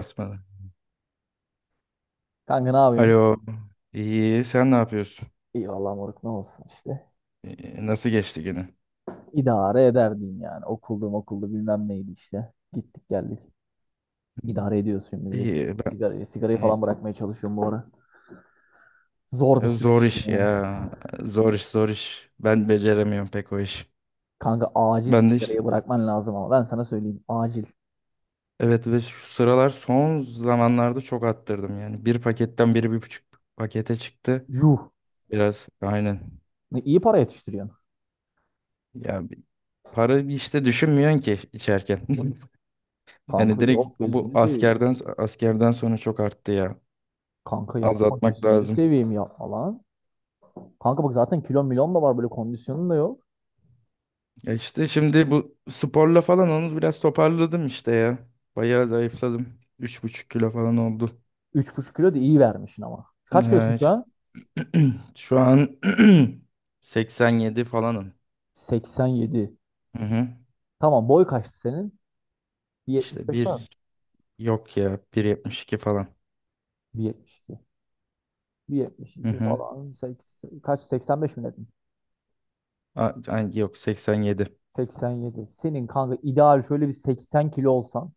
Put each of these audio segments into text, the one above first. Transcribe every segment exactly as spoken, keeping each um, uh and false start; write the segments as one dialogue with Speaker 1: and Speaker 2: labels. Speaker 1: Basmadı.
Speaker 2: Kanka ne yapıyorsun?
Speaker 1: Alo. İyi. Sen ne yapıyorsun?
Speaker 2: İyi vallahi moruk ne olsun işte.
Speaker 1: Ee, Nasıl geçti günü?
Speaker 2: İdare eder diyeyim yani. Okuldu okuldu bilmem neydi işte. Gittik geldik. İdare ediyoruz şimdi bir de si-
Speaker 1: İyi. Ben,
Speaker 2: sigarayı. Sigarayı
Speaker 1: e,
Speaker 2: falan bırakmaya çalışıyorum bu ara. Zor bir
Speaker 1: zor
Speaker 2: süreçti
Speaker 1: iş
Speaker 2: yani.
Speaker 1: ya. Zor iş. Zor iş. Ben beceremiyorum pek o iş.
Speaker 2: Kanka acil
Speaker 1: Ben de işte,
Speaker 2: sigarayı bırakman lazım ama ben sana söyleyeyim acil.
Speaker 1: evet, ve şu sıralar son zamanlarda çok attırdım yani. Bir paketten biri bir buçuk pakete çıktı.
Speaker 2: Yuh.
Speaker 1: Biraz aynen.
Speaker 2: Ne iyi para yetiştiriyorsun.
Speaker 1: Ya bir- para işte düşünmüyorsun ki içerken. Yani
Speaker 2: Kanka
Speaker 1: direkt
Speaker 2: yok
Speaker 1: o bu
Speaker 2: gözünü seveyim.
Speaker 1: askerden askerden sonra çok arttı ya.
Speaker 2: Kanka yapma
Speaker 1: Azaltmak
Speaker 2: gözünü
Speaker 1: lazım.
Speaker 2: seveyim yapma lan. Kanka bak zaten kilon milon da var böyle kondisyonun da yok.
Speaker 1: Ya işte şimdi bu sporla falan onu biraz toparladım işte ya. Bayağı zayıfladım. Üç buçuk kilo falan oldu.
Speaker 2: Üç buçuk kilo da iyi vermişsin ama. Kaç kilosun
Speaker 1: Ee,
Speaker 2: şu
Speaker 1: işte
Speaker 2: an?
Speaker 1: şu an seksen yedi falanım.
Speaker 2: seksen yedi.
Speaker 1: Hı hı.
Speaker 2: Tamam, boy kaçtı senin?
Speaker 1: İşte
Speaker 2: bir yetmiş beş var mı?
Speaker 1: bir yok ya, bir yetmiş iki falan.
Speaker 2: bir yetmiş iki.
Speaker 1: Hı
Speaker 2: bir yetmiş iki
Speaker 1: hı.
Speaker 2: falan. seksen, kaç? seksen beş mi dedin?
Speaker 1: A- ay- yok, seksen yedi.
Speaker 2: seksen yedi. Senin kanka ideal şöyle bir seksen kilo olsan.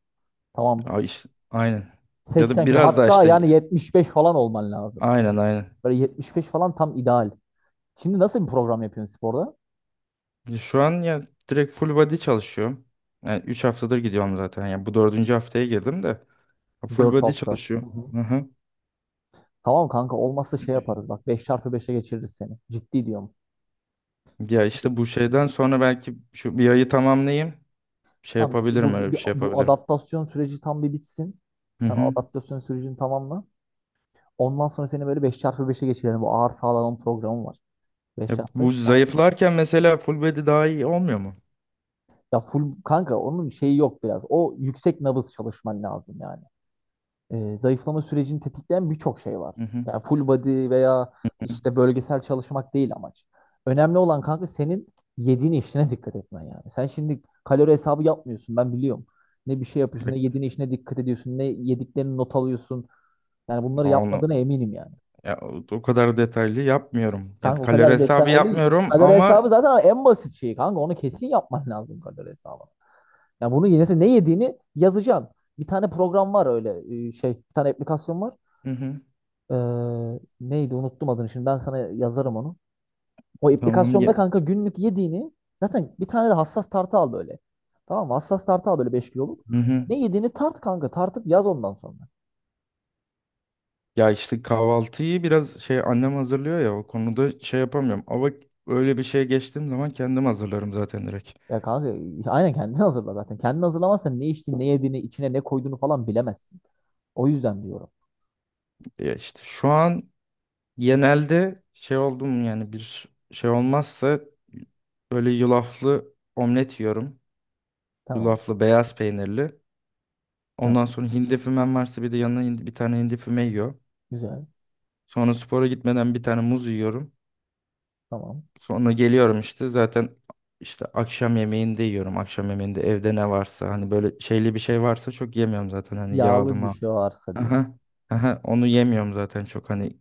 Speaker 2: Tamam mı?
Speaker 1: Ay işte, aynen. Ya da
Speaker 2: seksen kilo.
Speaker 1: biraz daha
Speaker 2: Hatta
Speaker 1: işte,
Speaker 2: yani yetmiş beş falan olman lazım.
Speaker 1: aynen aynen.
Speaker 2: Böyle yetmiş beş falan tam ideal. Şimdi nasıl bir program yapıyorsun sporda?
Speaker 1: Şu an ya direkt full body çalışıyorum. Yani üç haftadır gidiyorum zaten. Yani bu dördüncü haftaya girdim de full
Speaker 2: Dört
Speaker 1: body
Speaker 2: hafta. Hı
Speaker 1: çalışıyorum.
Speaker 2: hı.
Speaker 1: Hı hı.
Speaker 2: Tamam kanka, olmazsa şey yaparız bak, beş çarpı beşe geçiririz seni. Ciddi diyorum.
Speaker 1: Ya işte bu şeyden sonra belki şu bir ayı tamamlayayım. Şey
Speaker 2: Tamam,
Speaker 1: yapabilirim,
Speaker 2: bu,
Speaker 1: öyle bir
Speaker 2: bu,
Speaker 1: şey
Speaker 2: bu
Speaker 1: yapabilirim.
Speaker 2: adaptasyon süreci tam bir bitsin.
Speaker 1: Hı
Speaker 2: Sen
Speaker 1: hı.
Speaker 2: adaptasyon sürecini tamamla. Ondan sonra seni böyle beş çarpı beşe geçirelim. Bu ağır sağlanan programı var. Beş
Speaker 1: Ya
Speaker 2: çarpı
Speaker 1: bu
Speaker 2: beş ona,
Speaker 1: zayıflarken mesela full body daha iyi olmuyor mu?
Speaker 2: ya full kanka onun şeyi yok biraz. O yüksek nabız çalışman lazım yani. E, zayıflama sürecini tetikleyen birçok şey var.
Speaker 1: Hı hı.
Speaker 2: Yani full body veya
Speaker 1: Hı.
Speaker 2: işte bölgesel çalışmak değil amaç. Önemli olan kanka senin yediğin işine dikkat etmen yani. Sen şimdi kalori hesabı yapmıyorsun, ben biliyorum. Ne bir şey yapıyorsun, ne yediğin işine dikkat ediyorsun, ne yediklerini not alıyorsun. Yani bunları
Speaker 1: Ya Onu
Speaker 2: yapmadığına eminim yani.
Speaker 1: ya o o kadar detaylı yapmıyorum. Yani
Speaker 2: Kanka o
Speaker 1: kalori
Speaker 2: kadar
Speaker 1: hesabı
Speaker 2: detaylı.
Speaker 1: yapmıyorum
Speaker 2: Kalori
Speaker 1: ama
Speaker 2: hesabı zaten en basit şeyi kanka. Onu kesin yapman lazım kalori hesabı. Yani bunu yine sen ne yediğini yazacaksın. Bir tane program var öyle e, şey, bir tane aplikasyon var.
Speaker 1: hı hı.
Speaker 2: Ee, neydi, unuttum adını, şimdi ben sana yazarım onu. O
Speaker 1: Tamam
Speaker 2: aplikasyonda
Speaker 1: ya.
Speaker 2: kanka günlük yediğini, zaten bir tane de hassas tartı al böyle. Tamam mı? Hassas tartı al böyle beş kiloluk.
Speaker 1: Hı hı.
Speaker 2: Ne yediğini tart kanka, tartıp yaz ondan sonra.
Speaker 1: Ya işte kahvaltıyı biraz şey annem hazırlıyor ya, o konuda şey yapamıyorum. Ama öyle bir şeye geçtiğim zaman kendim hazırlarım zaten direkt.
Speaker 2: Ya kanka aynen kendin hazırla zaten. Kendin hazırlamazsan ne içtiğini ne yediğini içine ne koyduğunu falan bilemezsin. O yüzden diyorum.
Speaker 1: Ya işte şu an genelde şey oldum yani, bir şey olmazsa böyle yulaflı omlet yiyorum.
Speaker 2: Tamam,
Speaker 1: Yulaflı beyaz peynirli.
Speaker 2: tamam,
Speaker 1: Ondan sonra hindi fümem varsa bir de yanına hindi- bir tane hindi füme yiyor.
Speaker 2: güzel,
Speaker 1: Sonra spora gitmeden bir tane muz yiyorum.
Speaker 2: tamam.
Speaker 1: Sonra geliyorum işte zaten, işte akşam yemeğinde yiyorum. Akşam yemeğinde evde ne varsa, hani böyle şeyli bir şey varsa çok yemiyorum zaten, hani yağlı
Speaker 2: Yağlı bir
Speaker 1: ma.
Speaker 2: şey varsa diye.
Speaker 1: Aha, aha, onu yemiyorum zaten çok, hani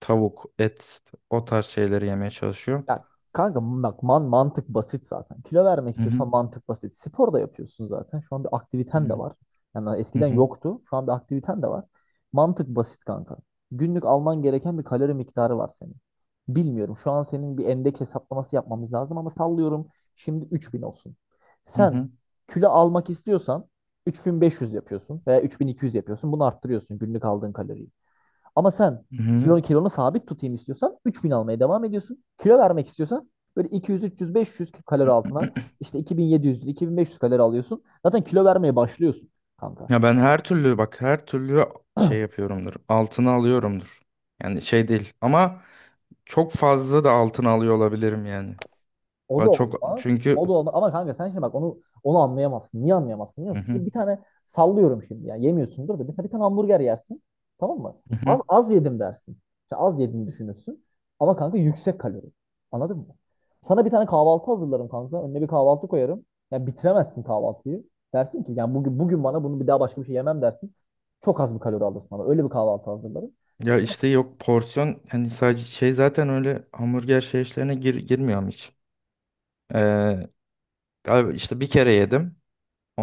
Speaker 1: tavuk, et, o tarz şeyleri yemeye çalışıyorum.
Speaker 2: Ya kanka bak, man mantık basit zaten. Kilo vermek
Speaker 1: Hı
Speaker 2: istiyorsan mantık basit. Spor da yapıyorsun zaten. Şu an bir aktiviten de
Speaker 1: hı.
Speaker 2: var. Yani
Speaker 1: Hı
Speaker 2: eskiden
Speaker 1: hı,
Speaker 2: yoktu. Şu an bir aktiviten de var. Mantık basit kanka. Günlük alman gereken bir kalori miktarı var senin. Bilmiyorum. Şu an senin bir endeks hesaplaması yapmamız lazım ama sallıyorum. Şimdi üç bin olsun.
Speaker 1: hı
Speaker 2: Sen
Speaker 1: hı,
Speaker 2: kilo almak istiyorsan üç bin beş yüz yapıyorsun veya üç bin iki yüz yapıyorsun. Bunu arttırıyorsun, günlük aldığın kaloriyi. Ama sen
Speaker 1: hı hı.
Speaker 2: kilonu, kilonu sabit tutayım istiyorsan üç bin almaya devam ediyorsun. Kilo vermek istiyorsan böyle iki yüz, üç yüz, beş yüz kalori altına, işte iki bin yedi yüz, iki bin beş yüz kalori alıyorsun. Zaten kilo vermeye başlıyorsun kanka.
Speaker 1: Ya ben her türlü, bak her türlü şey yapıyorumdur. Altına alıyorumdur. Yani şey değil ama çok fazla da altına alıyor olabilirim yani.
Speaker 2: O da
Speaker 1: Ba- Çok
Speaker 2: olmaz.
Speaker 1: çünkü
Speaker 2: O da olmaz. Ama kanka sen şimdi bak onu, onu anlayamazsın. Niye anlayamazsın biliyor
Speaker 1: hı
Speaker 2: musun?
Speaker 1: hı,
Speaker 2: Şimdi bir tane sallıyorum şimdi ya. Yemiyorsundur da mesela bir tane hamburger yersin. Tamam mı?
Speaker 1: hı
Speaker 2: Az,
Speaker 1: hı.
Speaker 2: az yedim dersin. İşte az yediğini düşünürsün. Ama kanka yüksek kalori. Anladın mı? Sana bir tane kahvaltı hazırlarım kanka. Önüne bir kahvaltı koyarım. Yani bitiremezsin kahvaltıyı. Dersin ki yani bugün bugün bana bunu bir daha, başka bir şey yemem dersin. Çok az bir kalori alırsın ama öyle bir kahvaltı hazırlarım.
Speaker 1: Ya işte yok porsiyon, hani sadece şey zaten, öyle hamburger şey işlerine gir, girmiyorum hiç. Ee, galiba işte bir kere yedim.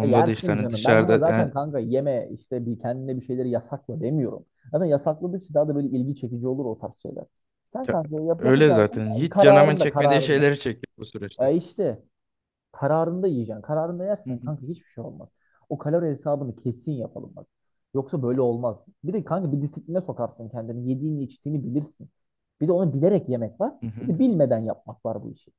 Speaker 2: E
Speaker 1: da işte
Speaker 2: yersin
Speaker 1: hani
Speaker 2: canım. Ben sana
Speaker 1: dışarıda
Speaker 2: zaten
Speaker 1: yani
Speaker 2: kanka yeme işte, bir kendine bir şeyleri yasakla demiyorum. Zaten yasakladıkça daha da böyle ilgi çekici olur o tarz şeyler. Sen
Speaker 1: ya-
Speaker 2: kanka yap,
Speaker 1: öyle
Speaker 2: yapacağın
Speaker 1: zaten
Speaker 2: şey
Speaker 1: hiç canımın
Speaker 2: kararında
Speaker 1: çekmediği
Speaker 2: kararında.
Speaker 1: şeyleri çekiyor bu süreçte.
Speaker 2: E işte kararında yiyeceksin. Kararında
Speaker 1: Hı
Speaker 2: yersen
Speaker 1: hı,
Speaker 2: kanka hiçbir şey olmaz. O kalori hesabını kesin yapalım bak. Yoksa böyle olmaz. Bir de kanka bir disipline sokarsın kendini. Yediğini içtiğini bilirsin. Bir de onu bilerek yemek var.
Speaker 1: hı
Speaker 2: Bir
Speaker 1: hı.
Speaker 2: de bilmeden yapmak var bu işi.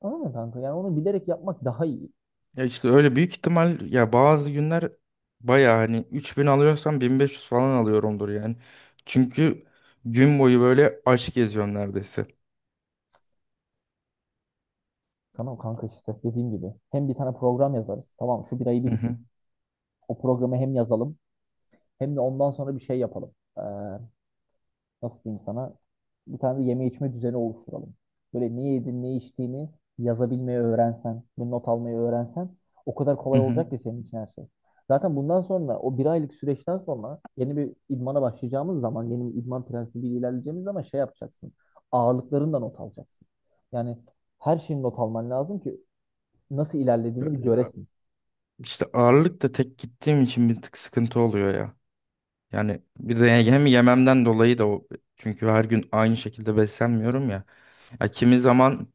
Speaker 2: Anladın mı kanka? Yani onu bilerek yapmak daha iyi.
Speaker 1: Ya işte öyle büyük ihtimal, ya bazı günler baya hani üç bin alıyorsam bin beş yüz falan alıyorumdur yani. Çünkü gün boyu böyle aç geziyorum neredeyse.
Speaker 2: Tamam kanka, işte dediğim gibi. Hem bir tane program yazarız. Tamam, şu bir ayı bir
Speaker 1: Hı
Speaker 2: bitir.
Speaker 1: hı.
Speaker 2: O programı hem yazalım hem de ondan sonra bir şey yapalım. Ee, nasıl diyeyim sana? Bir tane de yeme içme düzeni oluşturalım. Böyle ne yedin ne içtiğini yazabilmeyi öğrensen ve not almayı öğrensen, o kadar
Speaker 1: Hı
Speaker 2: kolay
Speaker 1: hı.
Speaker 2: olacak ki senin için her şey. Zaten bundan sonra o bir aylık süreçten sonra yeni bir idmana başlayacağımız zaman, yeni bir idman prensibiyle ilerleyeceğimiz zaman şey yapacaksın. Ağırlıklarından not alacaksın. Yani her şeyin not alman lazım ki nasıl ilerlediğini bir
Speaker 1: Ya
Speaker 2: göresin.
Speaker 1: işte ağırlık da tek gittiğim için bir tık sıkıntı oluyor ya. Yani bir de hem yememden dolayı da o, çünkü her gün aynı şekilde beslenmiyorum ya. Ya kimi zaman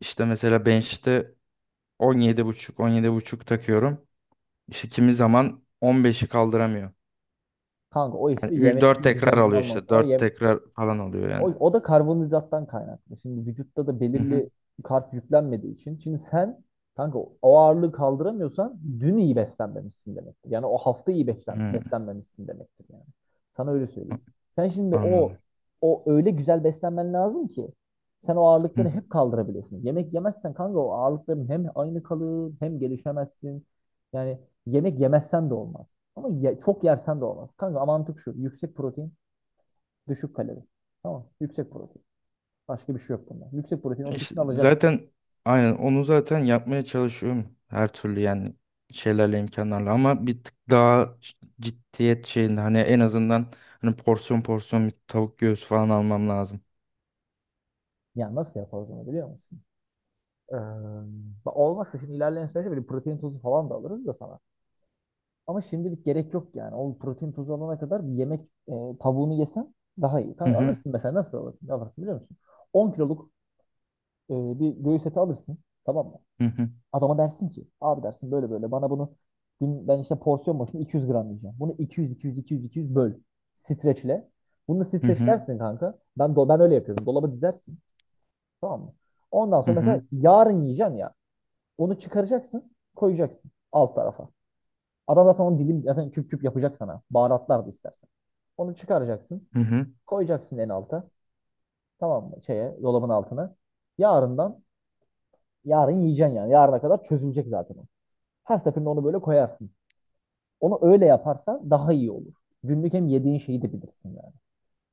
Speaker 1: işte mesela bench'te on yedi virgül beş buçuk on yedi buçuk takıyorum. İşte kimi zaman on beşi kaldıramıyor.
Speaker 2: Kanka o işte yeme
Speaker 1: Yani dört
Speaker 2: içme
Speaker 1: tekrar
Speaker 2: düzenin
Speaker 1: alıyor
Speaker 2: olmam.
Speaker 1: işte.
Speaker 2: O
Speaker 1: Dört
Speaker 2: yem,
Speaker 1: tekrar falan alıyor
Speaker 2: O,
Speaker 1: yani.
Speaker 2: o da karbonhidrattan kaynaklı. Şimdi vücutta da
Speaker 1: Hı hı.
Speaker 2: belirli karp yüklenmediği için. Şimdi sen kanka o ağırlığı kaldıramıyorsan dün iyi beslenmemişsin demektir. Yani o hafta iyi beslen,
Speaker 1: Hı.
Speaker 2: beslenmemişsin demektir yani. Sana öyle söyleyeyim. Sen şimdi o
Speaker 1: Anladım.
Speaker 2: o öyle güzel beslenmen lazım ki sen o ağırlıkları
Speaker 1: Hı.
Speaker 2: hep kaldırabilesin. Yemek yemezsen kanka o ağırlıkların hem aynı kalır hem gelişemezsin. Yani yemek yemezsen de olmaz. Ama ye- çok yersen de olmaz. Kanka mantık şu. Yüksek protein, düşük kalori. Tamam. Yüksek protein. Başka bir şey yok bunda. Yüksek protein o
Speaker 1: İşte
Speaker 2: kesin alacaksın.
Speaker 1: zaten aynen onu zaten yapmaya çalışıyorum. Her türlü yani, şeylerle imkanlarla, ama bir tık daha ciddiyet şeyinde, hani en azından, hani porsiyon porsiyon bir tavuk göğsü falan almam lazım.
Speaker 2: Ya nasıl yaparız onu biliyor musun? Ee, olmazsa şimdi ilerleyen süreçte böyle protein tozu falan da alırız da sana. Ama şimdilik gerek yok yani. O protein tozu alana kadar bir yemek, e, tavuğunu yesen daha iyi.
Speaker 1: Hı
Speaker 2: Kanka
Speaker 1: hı.
Speaker 2: alırsın mesela, nasıl alırsın? Alırsın biliyor musun? on kiloluk e, bir göğüs eti alırsın. Tamam mı?
Speaker 1: Hı hı.
Speaker 2: Adama dersin ki abi, dersin böyle böyle bana bunu, gün ben işte porsiyon başına iki yüz gram yiyeceğim. Bunu iki yüz iki yüz iki yüz iki yüz böl. Streçle. Bunu da
Speaker 1: Hı hı.
Speaker 2: streçlersin kanka. Ben do- ben öyle yapıyordum. Dolaba dizersin. Tamam mı? Ondan
Speaker 1: Hı
Speaker 2: sonra mesela
Speaker 1: hı.
Speaker 2: yarın yiyeceksin ya. Onu çıkaracaksın, koyacaksın alt tarafa. Adam zaten onu dilim, zaten küp küp yapacak sana. Baharatlar da istersen. Onu çıkaracaksın,
Speaker 1: Hı hı.
Speaker 2: koyacaksın en alta. Tamam mı? Şeye, dolabın altına. Yarından Yarın yiyeceksin yani. Yarına kadar çözülecek zaten o. Her seferinde onu böyle koyarsın. Onu öyle yaparsan daha iyi olur. Günlük hem yediğin şeyi de bilirsin yani.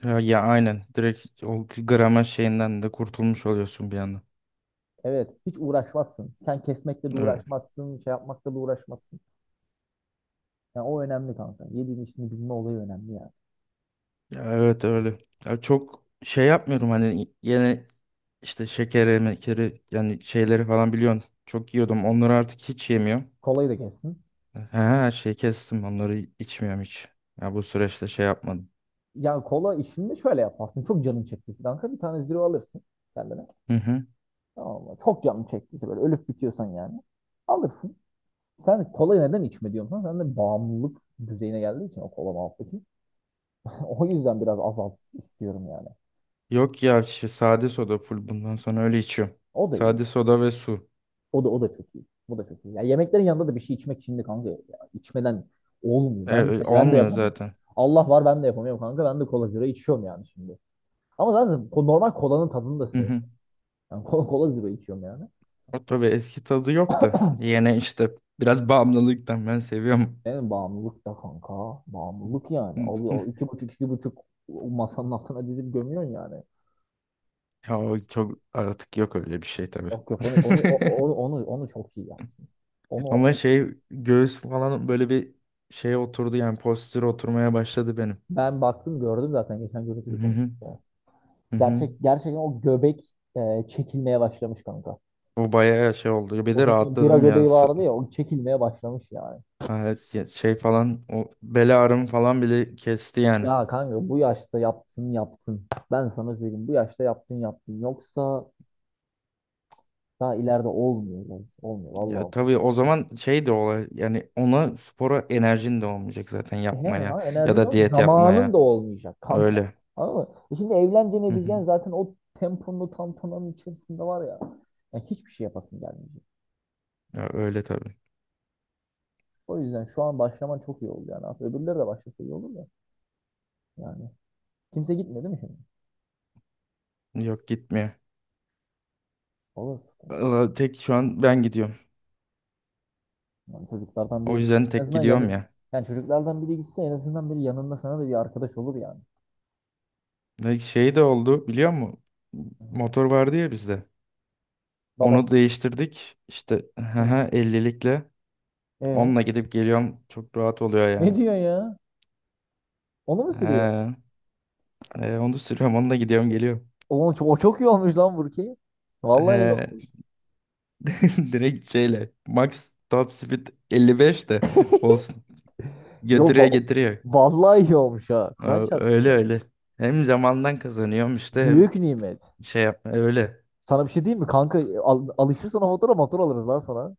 Speaker 1: Ya, ya aynen, direkt o grama şeyinden de kurtulmuş oluyorsun bir anda.
Speaker 2: Evet, hiç uğraşmazsın. Sen kesmekle de uğraşmazsın, şey yapmakla da uğraşmazsın. Yani o önemli kanka. Yediğin işini bilme olayı önemli yani.
Speaker 1: Ya evet, öyle. Ya çok şey yapmıyorum, hani yine işte şekeri, mekeri, yani şeyleri falan biliyorsun. Çok yiyordum. Onları artık hiç yemiyorum.
Speaker 2: Kolayı da kessin.
Speaker 1: He, şey kestim. Onları içmiyorum hiç. Ya bu süreçte şey yapmadım.
Speaker 2: Yani kola işini de şöyle yaparsın. Çok canın çektiyse kanka bir tane zero alırsın kendine.
Speaker 1: Hı hı.
Speaker 2: Tamam mı? Çok canın çektiyse böyle ölüp bitiyorsan yani. Alırsın. Sen kolayı neden içme diyorsun? Sen de bağımlılık düzeyine geldiği için o kola muhabbeti. O yüzden biraz azalt istiyorum yani.
Speaker 1: Yok ya şey, sade soda full bundan sonra öyle içiyorum.
Speaker 2: O da iyi.
Speaker 1: Sade soda ve su.
Speaker 2: O da o da çok iyi. Bu da çok iyi. Ya yemeklerin yanında da bir şey içmek şimdi kanka. Ya, içmeden olmuyor.
Speaker 1: E,
Speaker 2: Ben
Speaker 1: e,
Speaker 2: mesela ben de
Speaker 1: olmuyor
Speaker 2: yapamıyorum.
Speaker 1: zaten.
Speaker 2: Allah var, ben de yapamıyorum kanka. Ben de kola zero içiyorum yani şimdi. Ama zaten ko- normal kolanın tadını da
Speaker 1: Hı
Speaker 2: seviyorum.
Speaker 1: hı.
Speaker 2: Yani kola, kola zero içiyorum yani.
Speaker 1: O tabii eski tadı yok da. Yine işte biraz bağımlılıktan ben seviyorum.
Speaker 2: Benim bağımlılık da kanka. Bağımlılık yani. Alıyor iki buçuk iki buçuk o masanın altına dizip gömüyorsun yani.
Speaker 1: Ya o çok artık yok öyle bir şey tabii.
Speaker 2: Yok yok onu onu o- onu onu, onu çok iyi yaptın. Onu,
Speaker 1: Ama
Speaker 2: onu-
Speaker 1: şey göğüs falan böyle bir şey oturdu, yani postür oturmaya başladı benim.
Speaker 2: Ben baktım gördüm zaten, geçen
Speaker 1: Hı
Speaker 2: görüntülü konuştuk
Speaker 1: hı
Speaker 2: ya.
Speaker 1: hı. Hı.
Speaker 2: Gerçek, gerçekten o göbek e, çekilmeye başlamış kanka.
Speaker 1: O bayağı şey oldu. Bir
Speaker 2: O
Speaker 1: de
Speaker 2: senin bira
Speaker 1: rahatladım ya.
Speaker 2: göbeği
Speaker 1: Sı-
Speaker 2: vardı ya, o çekilmeye başlamış yani.
Speaker 1: ha, evet, ya şey falan, o bel ağrım falan bile kesti yani.
Speaker 2: Ya kanka bu yaşta yaptın yaptın. Ben sana söyleyeyim, bu yaşta yaptın yaptın. Yoksa daha ileride olmuyor lan. Olmuyor
Speaker 1: Ya
Speaker 2: vallahi.
Speaker 1: tabii, o zaman şey de olay yani, ona spora enerjin de olmayacak zaten
Speaker 2: Olmuyor. He,
Speaker 1: yapmaya
Speaker 2: lan
Speaker 1: ya
Speaker 2: enerjin
Speaker 1: da
Speaker 2: o
Speaker 1: diyet
Speaker 2: zamanın da
Speaker 1: yapmaya.
Speaker 2: olmayacak kanka.
Speaker 1: Öyle.
Speaker 2: Anladın mı? E şimdi evleneceksin
Speaker 1: Hı hı.
Speaker 2: edeceksin zaten, o temponlu tantananın içerisinde var ya. Yani hiçbir şey yapasın gelmeyecek.
Speaker 1: Ya öyle tabii.
Speaker 2: O yüzden şu an başlaman çok iyi oldu yani. Aslında öbürleri de başlasa iyi olur da. Yani kimse gitmiyor değil mi şimdi?
Speaker 1: Yok gitmiyor.
Speaker 2: O da sıkıntı.
Speaker 1: Valla tek şu an ben gidiyorum.
Speaker 2: Yani çocuklardan
Speaker 1: O
Speaker 2: biri de
Speaker 1: yüzden
Speaker 2: en
Speaker 1: tek
Speaker 2: azından
Speaker 1: gidiyorum
Speaker 2: yanı,
Speaker 1: ya.
Speaker 2: yani çocuklardan biri gitse en azından biri yanında, sana da bir arkadaş olur yani.
Speaker 1: Ne şey de oldu biliyor musun? Motor vardı ya bizde.
Speaker 2: Baban.
Speaker 1: Onu değiştirdik. İşte
Speaker 2: Hı.
Speaker 1: ellilikle.
Speaker 2: E
Speaker 1: Onunla gidip geliyorum. Çok rahat oluyor
Speaker 2: ne
Speaker 1: yani.
Speaker 2: diyor ya? Onu mu sürüyor?
Speaker 1: He, he, onu sürüyorum. Onunla gidiyorum geliyorum.
Speaker 2: Oğlum çok, o çok iyi olmuş lan Burki. Vallahi iyi olmuş.
Speaker 1: He, direkt şeyle. Max top speed elli beş de olsun.
Speaker 2: Yo
Speaker 1: Götürüyor
Speaker 2: ba-
Speaker 1: getiriyor.
Speaker 2: Vallahi iyi olmuş ha. Kur'an
Speaker 1: Ö-
Speaker 2: çarpsın
Speaker 1: Öyle
Speaker 2: ya.
Speaker 1: öyle. Hem zamandan kazanıyorum işte, hem
Speaker 2: Büyük nimet.
Speaker 1: şey yap e, öyle.
Speaker 2: Sana bir şey diyeyim mi kanka? Al, alışırsan o motora, motor alırız lan sana.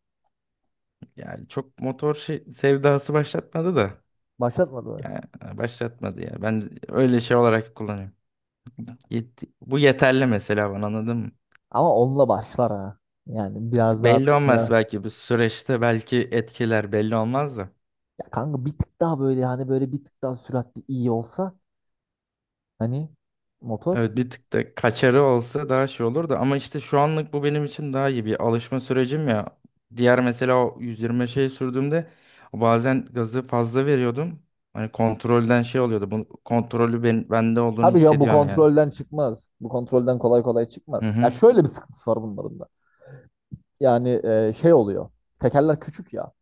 Speaker 1: Yani çok motor şey, sevdası başlatmadı da.
Speaker 2: Başlatmadı mı?
Speaker 1: Ya başlatmadı ya. Ben öyle şey olarak kullanıyorum. Yet- Bu yeterli mesela bana, anladın mı?
Speaker 2: Ama onunla başlar ha. Yani biraz daha
Speaker 1: Belli
Speaker 2: böyle şey-
Speaker 1: olmaz,
Speaker 2: ya.
Speaker 1: belki bu süreçte belki etkiler, belli olmaz da.
Speaker 2: Kanka bir tık daha böyle, hani böyle bir tık daha süratli iyi olsa, hani motor?
Speaker 1: Evet, bir tık da kaçarı olsa daha şey olur da, ama işte şu anlık bu benim için daha iyi bir alışma sürecim ya. Diğer mesela o yüz yirmi şey sürdüğümde bazen gazı fazla veriyordum. Hani kontrolden şey oluyordu. Bu kontrolü ben, bende olduğunu
Speaker 2: Tabii ya, bu
Speaker 1: hissediyorum yani.
Speaker 2: kontrolden çıkmaz. Bu kontrolden kolay kolay
Speaker 1: Hı
Speaker 2: çıkmaz. Ya
Speaker 1: hı.
Speaker 2: şöyle bir sıkıntısı var bunların da. Yani e, şey oluyor. Tekerler küçük ya.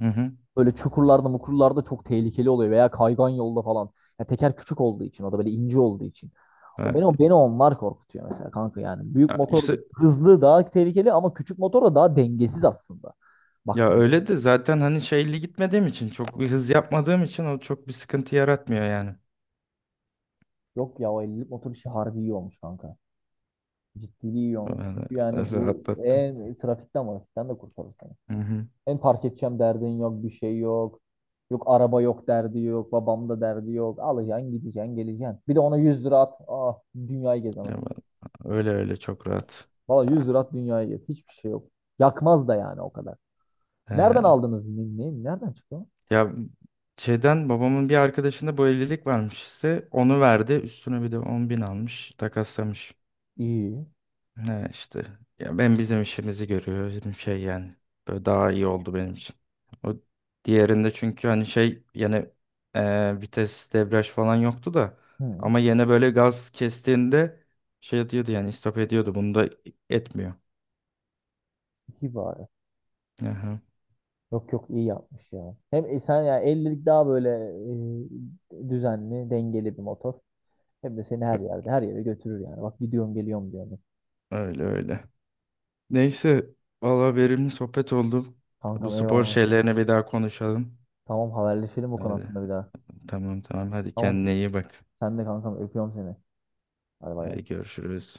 Speaker 1: Hı hı.
Speaker 2: Böyle çukurlarda, mukurlarda çok tehlikeli oluyor veya kaygan yolda falan. Ya teker küçük olduğu için, o da böyle ince olduğu için. O beni, beni onlar korkutuyor mesela kanka yani. Büyük motor
Speaker 1: Evet.
Speaker 2: hızlı, daha tehlikeli, ama küçük motor da daha dengesiz aslında.
Speaker 1: Ya
Speaker 2: Baktım.
Speaker 1: öyle de zaten, hani şeyli gitmediğim için, çok bir hız yapmadığım için o çok bir sıkıntı yaratmıyor yani.
Speaker 2: Yok ya, o ellilik motor işi harbi iyi olmuş kanka. Ciddiliği iyi olmuş.
Speaker 1: Yani,
Speaker 2: Çünkü yani
Speaker 1: e,
Speaker 2: bu
Speaker 1: rahatlattım.
Speaker 2: en trafikten trafikten de kurtarır seni.
Speaker 1: Hı hı.
Speaker 2: En park edeceğim derdin yok, bir şey yok. Yok araba yok derdi yok, babam da derdi yok. Alacaksın, gideceksin, geleceksin. Bir de ona yüz lira at, ah, dünyayı gez
Speaker 1: Ya
Speaker 2: anasını.
Speaker 1: ben- öyle öyle, çok rahat.
Speaker 2: Valla yüz lira at, dünyayı gez. Hiçbir şey yok. Yakmaz da yani o kadar.
Speaker 1: He.
Speaker 2: Nereden aldınız? Ne, ne- nereden çıktı?
Speaker 1: Ya şeyden babamın bir arkadaşında bu evlilik varmış işte, onu verdi, üstüne bir de on bin almış, takaslamış.
Speaker 2: İyi.
Speaker 1: Ne işte. Ya ben, bizim işimizi görüyor. Bizim şey yani. Böyle daha iyi oldu benim için. O diğerinde çünkü hani şey yani, e, vites debriyaj falan yoktu da
Speaker 2: Hı,
Speaker 1: ama yine böyle gaz kestiğinde şey diyordu yani, istop ediyordu. Bunda etmiyor.
Speaker 2: iyi bari.
Speaker 1: Aha.
Speaker 2: Yok yok, iyi yapmış ya. Hem e, sen ya ellilik daha böyle e, düzenli, dengeli bir motor. Hem de seni
Speaker 1: Ö-
Speaker 2: her yerde, her yere götürür yani. Bak gidiyorum, geliyorum diyorum.
Speaker 1: Öyle öyle. Neyse, valla verimli sohbet oldu. Bu
Speaker 2: Kankam
Speaker 1: spor
Speaker 2: eyvallah.
Speaker 1: şeylerini bir daha konuşalım.
Speaker 2: Tamam, haberleşelim bu konu
Speaker 1: Hadi
Speaker 2: hakkında bir daha.
Speaker 1: tamam tamam, hadi
Speaker 2: Tamam.
Speaker 1: kendine iyi bak.
Speaker 2: Sen de kankam, öpüyorum seni. Hadi bay.
Speaker 1: Hadi görüşürüz.